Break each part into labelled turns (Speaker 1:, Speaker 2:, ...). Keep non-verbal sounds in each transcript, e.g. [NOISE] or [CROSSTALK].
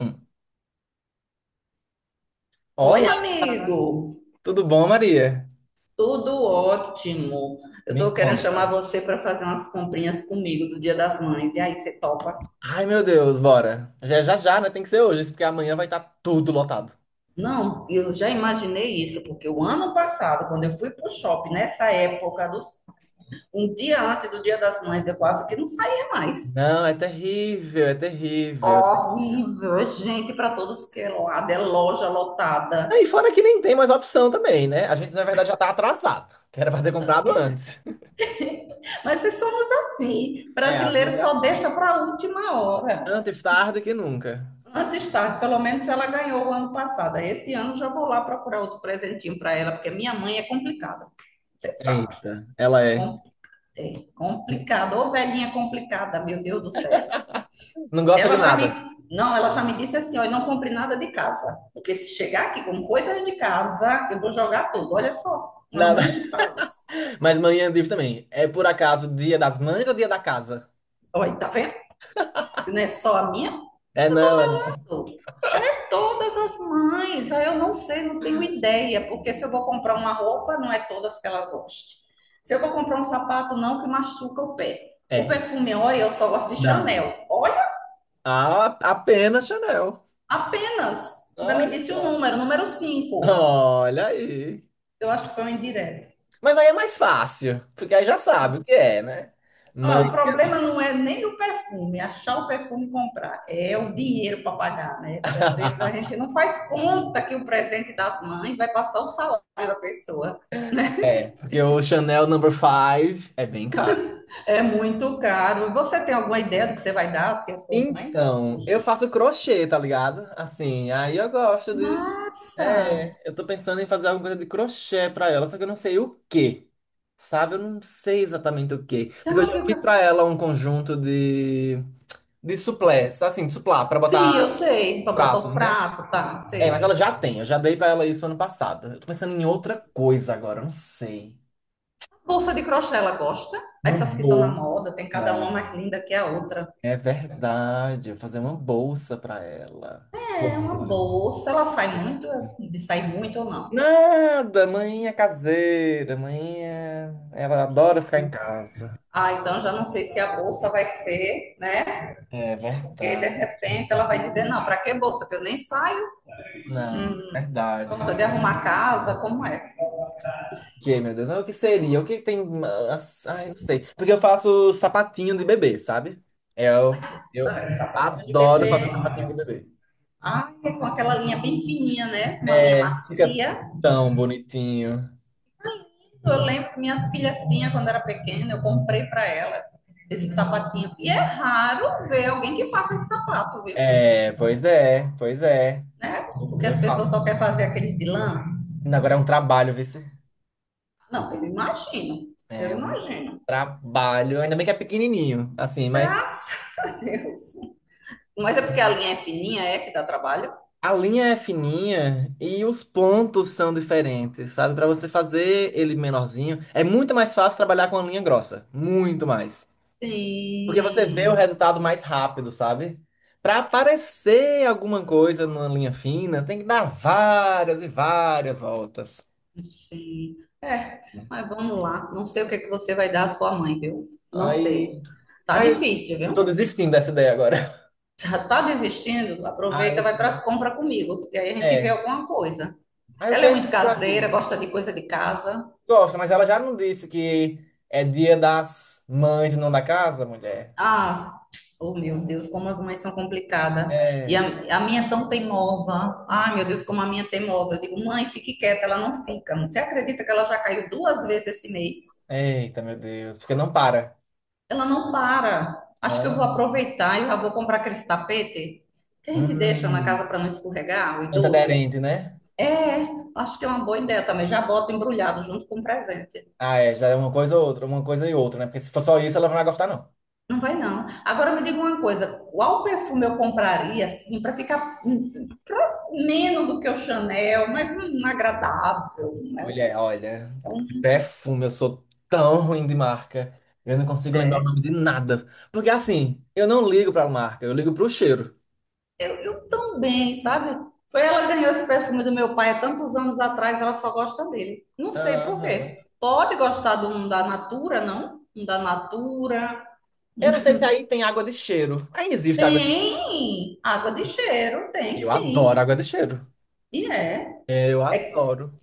Speaker 1: Hum.
Speaker 2: Oi,
Speaker 1: Olá,
Speaker 2: amigo.
Speaker 1: tudo bom, Maria?
Speaker 2: Tudo ótimo. Eu
Speaker 1: Me
Speaker 2: tô querendo chamar
Speaker 1: conta.
Speaker 2: você para fazer umas comprinhas comigo do Dia das Mães. E aí, você topa?
Speaker 1: Ai, meu Deus, bora. Já, já, já, né? Tem que ser hoje, isso porque amanhã vai estar tudo lotado.
Speaker 2: Não, eu já imaginei isso, porque o ano passado, quando eu fui pro shopping, nessa época, um dia antes do Dia das Mães, eu quase que não saía mais.
Speaker 1: Não, é terrível, é terrível, é terrível.
Speaker 2: Horrível, é gente para todos que é lado, é loja lotada.
Speaker 1: Aí, fora que nem tem mais opção também, né? A gente, na verdade, já tá atrasado, que era pra ter comprado antes.
Speaker 2: Mas é somos assim,
Speaker 1: É, a
Speaker 2: brasileiro
Speaker 1: vida é
Speaker 2: só
Speaker 1: assim,
Speaker 2: deixa para a última hora.
Speaker 1: antes tarde que nunca.
Speaker 2: Antes tarde, pelo menos ela ganhou o ano passado. Esse ano já vou lá procurar outro presentinho para ela, porque minha mãe é complicada, você sabe.
Speaker 1: Eita, ela é.
Speaker 2: É complicada, ô velhinha complicada, meu Deus do céu.
Speaker 1: Não gosta de
Speaker 2: Ela já me,
Speaker 1: nada.
Speaker 2: não, ela já me disse assim, ó, eu não compre nada de casa, porque se chegar aqui com coisas de casa, eu vou jogar tudo. Olha só, uma mãe
Speaker 1: Nada.
Speaker 2: que fala isso.
Speaker 1: [LAUGHS] Mas manhã livre também. É por acaso dia das mães ou dia da casa?
Speaker 2: Olha, tá vendo? Não é só a minha.
Speaker 1: É, não, é. Não.
Speaker 2: É todas as mães. Aí eu não sei, não tenho ideia, porque se eu vou comprar uma roupa, não é todas que ela goste. Se eu vou comprar um sapato, não, que machuca o pé. O
Speaker 1: É.
Speaker 2: perfume, olha, eu só gosto de
Speaker 1: Não.
Speaker 2: Chanel. Olha,
Speaker 1: Ah, apenas Chanel.
Speaker 2: apenas. Ainda me
Speaker 1: Olha
Speaker 2: disse o
Speaker 1: só.
Speaker 2: número, número cinco.
Speaker 1: Olha aí.
Speaker 2: Eu acho que foi um indireto.
Speaker 1: Mas aí é mais fácil, porque aí já sabe o que é, né?
Speaker 2: Ah,
Speaker 1: Mãe.
Speaker 2: o problema não é nem o perfume, achar o perfume e comprar, é o dinheiro para pagar, né? Porque às vezes a gente
Speaker 1: [LAUGHS]
Speaker 2: não faz conta que o presente das mães vai passar o salário da pessoa.
Speaker 1: É, porque o Chanel Number Five é bem caro.
Speaker 2: É muito caro. Você tem alguma ideia do que você vai dar se eu for mãe?
Speaker 1: Então, eu faço crochê, tá ligado? Assim, aí eu gosto de.
Speaker 2: Massa!
Speaker 1: É, eu tô pensando em fazer alguma coisa de crochê pra ela, só que eu não sei o quê. Sabe? Eu não sei exatamente o quê.
Speaker 2: Você
Speaker 1: Porque eu
Speaker 2: já
Speaker 1: já
Speaker 2: viu
Speaker 1: fiz pra
Speaker 2: que...
Speaker 1: ela um conjunto de. De suplé, assim, suplá, pra botar
Speaker 2: Sim, eu sei, para botar os
Speaker 1: pratos, né?
Speaker 2: pratos, tá,
Speaker 1: É, mas
Speaker 2: sei.
Speaker 1: ela já tem. Eu já dei pra ela isso ano passado. Eu tô pensando em outra coisa agora, eu não sei.
Speaker 2: Bolsa de crochê, ela gosta?
Speaker 1: Uma
Speaker 2: Essas que estão na
Speaker 1: bolsa.
Speaker 2: moda, tem cada uma mais linda que a outra.
Speaker 1: É verdade. Eu vou fazer uma bolsa pra ela.
Speaker 2: É
Speaker 1: Boa.
Speaker 2: uma bolsa, ela sai muito, de sair muito ou não?
Speaker 1: Nada, mãe é caseira, mãe é. Ela adora ficar em casa.
Speaker 2: Ah, então já não sei se a bolsa vai ser, né?
Speaker 1: É
Speaker 2: Porque de
Speaker 1: verdade.
Speaker 2: repente ela vai dizer, não, para que bolsa? Que eu nem saio.
Speaker 1: Não,
Speaker 2: Ela
Speaker 1: verdade.
Speaker 2: gosta de arrumar a casa, como é?
Speaker 1: O que, meu Deus, mas o que seria? O que tem. Ai, não sei. Porque eu faço sapatinho de bebê, sabe? Eu, eu
Speaker 2: Patinho de
Speaker 1: adoro fazer
Speaker 2: bebê.
Speaker 1: sapatinho de bebê.
Speaker 2: Ah, é com aquela linha bem fininha, né? Uma linha
Speaker 1: É, fica
Speaker 2: macia.
Speaker 1: tão bonitinho.
Speaker 2: É lindo. Eu lembro que minhas filhas tinham quando era pequena, eu comprei para elas esse sapatinho. E é raro ver alguém que faça esse sapato, viu?
Speaker 1: É, pois é, pois é.
Speaker 2: Né?
Speaker 1: Eu,
Speaker 2: Porque
Speaker 1: eu
Speaker 2: as pessoas
Speaker 1: faço.
Speaker 2: só querem fazer aquele de lã.
Speaker 1: Ainda agora é um trabalho, vê se.
Speaker 2: Não, eu imagino. Eu
Speaker 1: É um
Speaker 2: imagino.
Speaker 1: trabalho. Ainda bem que é pequenininho, assim, mas
Speaker 2: Graças a Deus. Mas é porque a linha é fininha, é que dá trabalho?
Speaker 1: a linha é fininha e os pontos são diferentes, sabe? Pra você fazer ele menorzinho, é muito mais fácil trabalhar com a linha grossa. Muito mais. Porque você vê o
Speaker 2: Sim.
Speaker 1: resultado mais rápido, sabe? Pra aparecer alguma coisa numa linha fina, tem que dar várias e várias voltas.
Speaker 2: Sim. É, mas vamos lá. Não sei o que é que você vai dar à sua mãe, viu? Não sei.
Speaker 1: Aí
Speaker 2: Tá
Speaker 1: Aí
Speaker 2: difícil, viu?
Speaker 1: eu tô desistindo dessa ideia agora. [LAUGHS]
Speaker 2: [LAUGHS] Já tá desistindo?
Speaker 1: Ah,
Speaker 2: Aproveita,
Speaker 1: eu
Speaker 2: vai para as
Speaker 1: tô.
Speaker 2: compras comigo, porque aí a gente vê
Speaker 1: É.
Speaker 2: alguma coisa.
Speaker 1: Aí o
Speaker 2: Ela
Speaker 1: que
Speaker 2: é
Speaker 1: é que eu
Speaker 2: muito caseira,
Speaker 1: compraria?
Speaker 2: gosta de coisa de casa.
Speaker 1: Gosta, mas ela já não disse que é dia das mães e não da casa, mulher?
Speaker 2: Ah, oh meu Deus, como as mães são complicadas. E a,
Speaker 1: É.
Speaker 2: a minha é tão teimosa. Ai, meu Deus, como a minha é teimosa. Eu digo, mãe, fique quieta, ela não fica. Você acredita que ela já caiu duas vezes esse mês?
Speaker 1: Eita, meu Deus. Porque não para.
Speaker 2: Ela não para. Acho que eu vou
Speaker 1: Ah.
Speaker 2: aproveitar e já vou comprar aquele tapete que a gente deixa na casa
Speaker 1: Hum.
Speaker 2: para não escorregar, o idoso.
Speaker 1: Antiaderente, né?
Speaker 2: É, acho que é uma boa ideia também. Já boto embrulhado junto com o presente.
Speaker 1: Ah, é. Já é uma coisa ou outra, uma coisa e outra, né? Porque se for só isso, ela não vai gostar, não.
Speaker 2: Não vai não. Agora me diga uma coisa, qual perfume eu compraria assim para ficar pro- menos do que o Chanel, mas um agradável, né?
Speaker 1: Mulher, olha.
Speaker 2: É um.
Speaker 1: Perfume, eu sou tão ruim de marca. Eu não consigo lembrar o nome de nada. Porque assim, eu não ligo pra marca, eu ligo pro cheiro.
Speaker 2: Eu também, sabe? Foi ela que ganhou esse perfume do meu pai há tantos anos atrás, ela só gosta dele. Não sei por
Speaker 1: Aham.
Speaker 2: quê. Pode gostar de um da Natura, não? Um da Natura.
Speaker 1: Eu não sei se aí tem água de cheiro. Aí existe água de cheiro.
Speaker 2: Tem água de cheiro,
Speaker 1: Eu
Speaker 2: tem
Speaker 1: adoro
Speaker 2: sim.
Speaker 1: água de cheiro.
Speaker 2: E é.
Speaker 1: Eu
Speaker 2: É,
Speaker 1: adoro.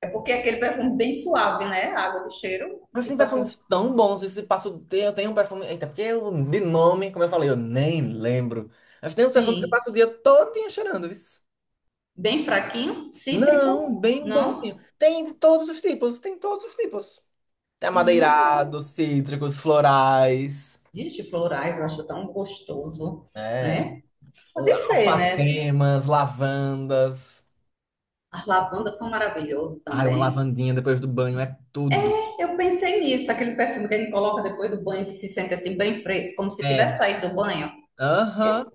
Speaker 2: é porque é aquele perfume bem suave, né? Água de cheiro,
Speaker 1: Mas tem
Speaker 2: tipo assim,
Speaker 1: perfumes tão bons. Esse passo eu tenho um perfume. Eita, porque eu, de nome, como eu falei, eu nem lembro. Mas tem uns perfumes que eu
Speaker 2: sim.
Speaker 1: passo o dia todinho cheirando, isso.
Speaker 2: Bem fraquinho,
Speaker 1: Não,
Speaker 2: cítrico,
Speaker 1: bem bonzinho.
Speaker 2: não?
Speaker 1: Tem de todos os tipos, tem todos os tipos. Tem
Speaker 2: Hum,
Speaker 1: amadeirados, cítricos, florais,
Speaker 2: de florais, eu acho tão gostoso,
Speaker 1: né?
Speaker 2: né? Pode ser, né?
Speaker 1: Alfacemas, lavandas.
Speaker 2: As lavandas são maravilhosas
Speaker 1: Ai, uma
Speaker 2: também.
Speaker 1: lavandinha depois do banho é tudo.
Speaker 2: Eu pensei nisso, aquele perfume que a gente coloca depois do banho, que se sente assim bem fresco, como se tivesse
Speaker 1: É.
Speaker 2: saído do banho.
Speaker 1: Aham.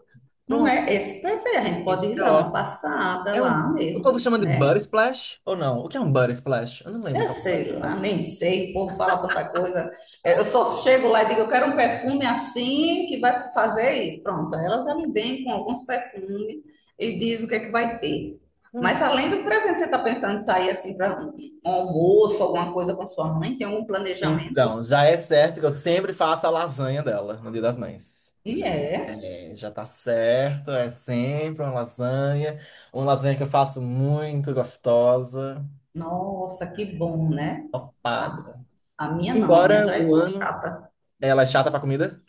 Speaker 2: Não é esse perfume, a gente pode
Speaker 1: Isso
Speaker 2: ir
Speaker 1: é
Speaker 2: dar uma
Speaker 1: ótimo.
Speaker 2: passada
Speaker 1: É
Speaker 2: lá
Speaker 1: um. O
Speaker 2: mesmo,
Speaker 1: povo chama de butter
Speaker 2: né?
Speaker 1: splash ou não? O que é um butter splash? Eu não lembro o
Speaker 2: Eu
Speaker 1: que é um butter
Speaker 2: sei lá,
Speaker 1: splash.
Speaker 2: nem sei, o povo fala tanta coisa. Eu só chego lá e digo, eu quero um perfume assim que vai fazer isso. Pronto, elas já me vêm com alguns perfumes e diz o que é que vai ter. Mas
Speaker 1: Hum.
Speaker 2: além do presente, você está pensando em sair assim para um almoço, alguma coisa com sua mãe? Tem algum planejamento?
Speaker 1: Então, já é certo que eu sempre faço a lasanha dela no Dia das Mães.
Speaker 2: E
Speaker 1: Já,
Speaker 2: é.
Speaker 1: é, já tá certo, é sempre uma lasanha. Uma lasanha que eu faço muito gostosa.
Speaker 2: Nossa, que bom, né?
Speaker 1: Topada.
Speaker 2: A, a minha não, a minha
Speaker 1: Embora
Speaker 2: já
Speaker 1: um
Speaker 2: é
Speaker 1: ano
Speaker 2: chata.
Speaker 1: ela é chata pra comida.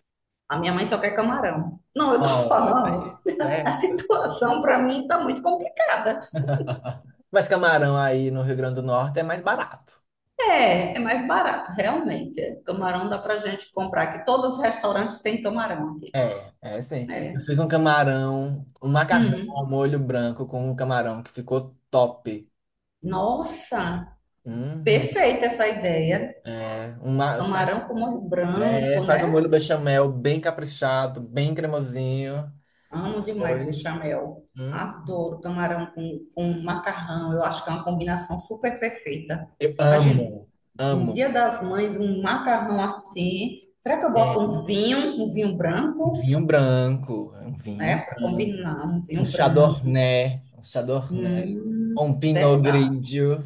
Speaker 2: A minha mãe só quer camarão. Não, eu tô [LAUGHS]
Speaker 1: Olha
Speaker 2: falando,
Speaker 1: aí,
Speaker 2: a
Speaker 1: certo.
Speaker 2: situação para mim tá muito complicada.
Speaker 1: [LAUGHS] Mas camarão aí no Rio Grande do Norte é mais barato.
Speaker 2: É, é mais barato, realmente. Camarão dá pra gente comprar, que todos os restaurantes têm camarão aqui.
Speaker 1: É, é sim. Eu
Speaker 2: É.
Speaker 1: fiz um camarão, um macarrão ao
Speaker 2: Hum.
Speaker 1: molho branco com um camarão que ficou top.
Speaker 2: Nossa,
Speaker 1: Uhum.
Speaker 2: perfeita essa ideia.
Speaker 1: É, uma, você faz,
Speaker 2: Camarão com molho
Speaker 1: é,
Speaker 2: branco,
Speaker 1: faz um
Speaker 2: né?
Speaker 1: molho bechamel bem caprichado, bem cremosinho.
Speaker 2: Amo demais
Speaker 1: Depois,
Speaker 2: bechamel.
Speaker 1: hum.
Speaker 2: Adoro camarão com macarrão. Eu acho que é uma combinação super perfeita.
Speaker 1: Eu
Speaker 2: Imagina,
Speaker 1: amo,
Speaker 2: no
Speaker 1: amo.
Speaker 2: Dia das Mães, um macarrão assim. Será que eu
Speaker 1: É,
Speaker 2: boto um vinho
Speaker 1: um
Speaker 2: branco,
Speaker 1: vinho branco, é um
Speaker 2: né?
Speaker 1: vinho
Speaker 2: Para
Speaker 1: branco.
Speaker 2: combinar, um
Speaker 1: Um
Speaker 2: vinho branco.
Speaker 1: chardonnay, um chardonnay.
Speaker 2: Hum,
Speaker 1: Um pinot
Speaker 2: verdade.
Speaker 1: grigio.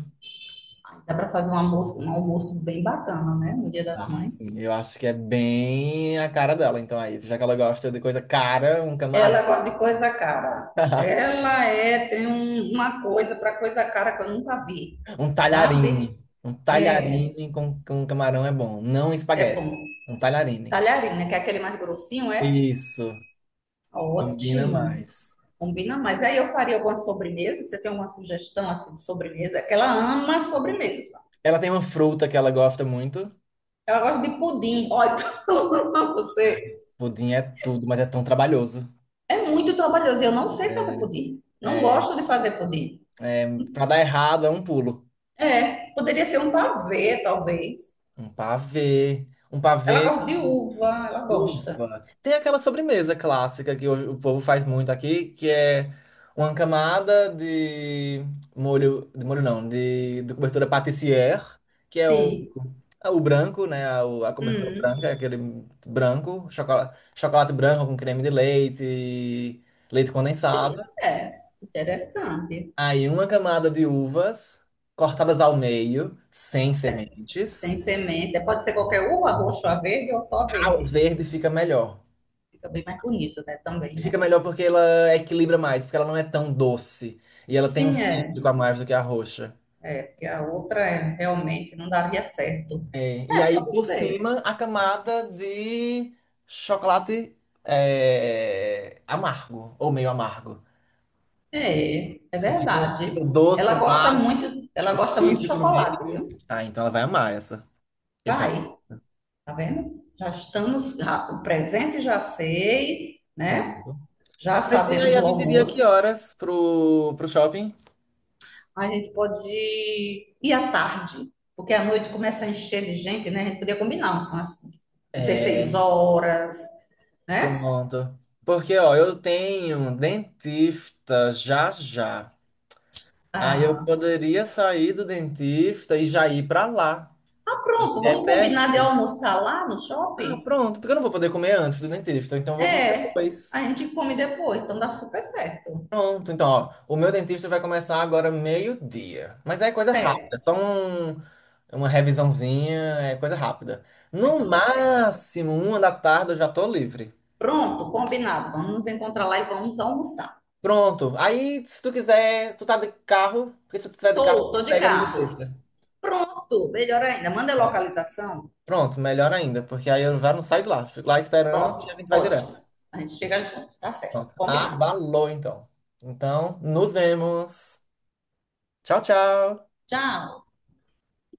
Speaker 2: Dá para fazer um almoço bem bacana, né? No Dia das
Speaker 1: Ah,
Speaker 2: Mães.
Speaker 1: sim, eu acho que é bem a cara dela. Então aí, já que ela gosta de coisa cara, um camarão.
Speaker 2: Ela gosta de coisa cara.
Speaker 1: [LAUGHS]
Speaker 2: Ela é, tem uma coisa para coisa cara que eu nunca vi,
Speaker 1: Um
Speaker 2: sabe?
Speaker 1: talharine. Um
Speaker 2: É,
Speaker 1: talharine com camarão é bom. Não
Speaker 2: é
Speaker 1: espaguete.
Speaker 2: bom.
Speaker 1: Um talharine.
Speaker 2: Talharina, que é aquele mais grossinho, é?
Speaker 1: Isso. Combina
Speaker 2: Ótimo.
Speaker 1: mais.
Speaker 2: Combina mais. Aí eu faria alguma sobremesa. Você tem alguma sugestão assim de sobremesa? É que ela ama sobremesa.
Speaker 1: Ela tem uma fruta que ela gosta muito.
Speaker 2: Ela gosta de pudim. Olha, [LAUGHS] você.
Speaker 1: Pudim é tudo, mas é tão trabalhoso.
Speaker 2: É muito trabalhoso. Eu não sei fazer pudim. Não
Speaker 1: É,
Speaker 2: gosto de fazer pudim.
Speaker 1: é, pra dar errado é um pulo.
Speaker 2: É, poderia ser um pavê, talvez.
Speaker 1: Um pavê. Um
Speaker 2: Ela
Speaker 1: pavê.
Speaker 2: gosta de uva, ela gosta.
Speaker 1: Uva. Tem aquela sobremesa clássica que hoje o povo faz muito aqui, que é uma camada de molho não, de cobertura pâtissière, que é o,
Speaker 2: Sim.
Speaker 1: é o branco, né? A cobertura
Speaker 2: Hum,
Speaker 1: branca, aquele branco, chocolate, chocolate branco com creme de leite, leite
Speaker 2: sim,
Speaker 1: condensado.
Speaker 2: é. Interessante.
Speaker 1: Aí uma camada de uvas cortadas ao meio, sem
Speaker 2: Sem,
Speaker 1: sementes.
Speaker 2: sem semente. Pode ser qualquer uva, roxa, verde ou só
Speaker 1: A
Speaker 2: verde.
Speaker 1: verde fica melhor.
Speaker 2: Fica bem mais bonito, né? Também,
Speaker 1: E fica
Speaker 2: né?
Speaker 1: melhor porque ela equilibra mais, porque ela não é tão doce. E ela tem um
Speaker 2: Sim, é.
Speaker 1: cítrico a mais do que a roxa.
Speaker 2: É, porque a outra é, realmente não daria certo.
Speaker 1: É, e
Speaker 2: É
Speaker 1: aí,
Speaker 2: pra
Speaker 1: por
Speaker 2: você.
Speaker 1: cima, a camada de chocolate é, amargo, ou meio amargo.
Speaker 2: É, é
Speaker 1: Porque fica o
Speaker 2: verdade.
Speaker 1: doce embaixo,
Speaker 2: Ela
Speaker 1: o
Speaker 2: gosta muito de
Speaker 1: cítrico no meio.
Speaker 2: chocolate, viu?
Speaker 1: Ah, então ela vai amar essa. Eu faria
Speaker 2: Vai, tá vendo? Já estamos, o presente já sei, né?
Speaker 1: pronto.
Speaker 2: Já
Speaker 1: Mas e
Speaker 2: sabemos
Speaker 1: aí, a
Speaker 2: o
Speaker 1: gente iria que
Speaker 2: almoço.
Speaker 1: horas pro shopping?
Speaker 2: A gente pode ir à tarde, porque à noite começa a encher de gente, né? A gente podia combinar, são as 16
Speaker 1: É,
Speaker 2: horas, né?
Speaker 1: pronto. Porque, ó, eu tenho dentista já já. Aí eu
Speaker 2: Ah,
Speaker 1: poderia sair do dentista e já ir pra lá.
Speaker 2: pronto,
Speaker 1: É
Speaker 2: vamos combinar de
Speaker 1: perto.
Speaker 2: almoçar lá no
Speaker 1: Ah,
Speaker 2: shopping?
Speaker 1: pronto, porque eu não vou poder comer antes do dentista, então eu vou comer
Speaker 2: É,
Speaker 1: depois.
Speaker 2: a gente come depois, então dá super certo.
Speaker 1: Pronto, então, ó, o meu dentista vai começar agora meio-dia. Mas é coisa rápida, é só
Speaker 2: Certo.
Speaker 1: uma revisãozinha, é coisa rápida.
Speaker 2: Ah,
Speaker 1: No
Speaker 2: então dá certo.
Speaker 1: máximo, 1 da tarde eu já tô livre.
Speaker 2: Pronto, combinado. Vamos nos encontrar lá e vamos almoçar.
Speaker 1: Pronto, aí se tu quiser, tu tá de carro, porque se tu tiver de carro,
Speaker 2: Tô,
Speaker 1: tu
Speaker 2: tô de
Speaker 1: pega no
Speaker 2: carro.
Speaker 1: dentista.
Speaker 2: Pronto, melhor ainda. Manda a
Speaker 1: Bom.
Speaker 2: localização.
Speaker 1: Pronto, melhor ainda, porque aí eu já não saio de lá, fico lá esperando e a gente
Speaker 2: Pronto,
Speaker 1: vai direto.
Speaker 2: ótimo. A gente chega junto, tá
Speaker 1: Ó,
Speaker 2: certo. Combinado.
Speaker 1: Abalou, então. Então, nos vemos. Tchau, tchau.
Speaker 2: Tchau.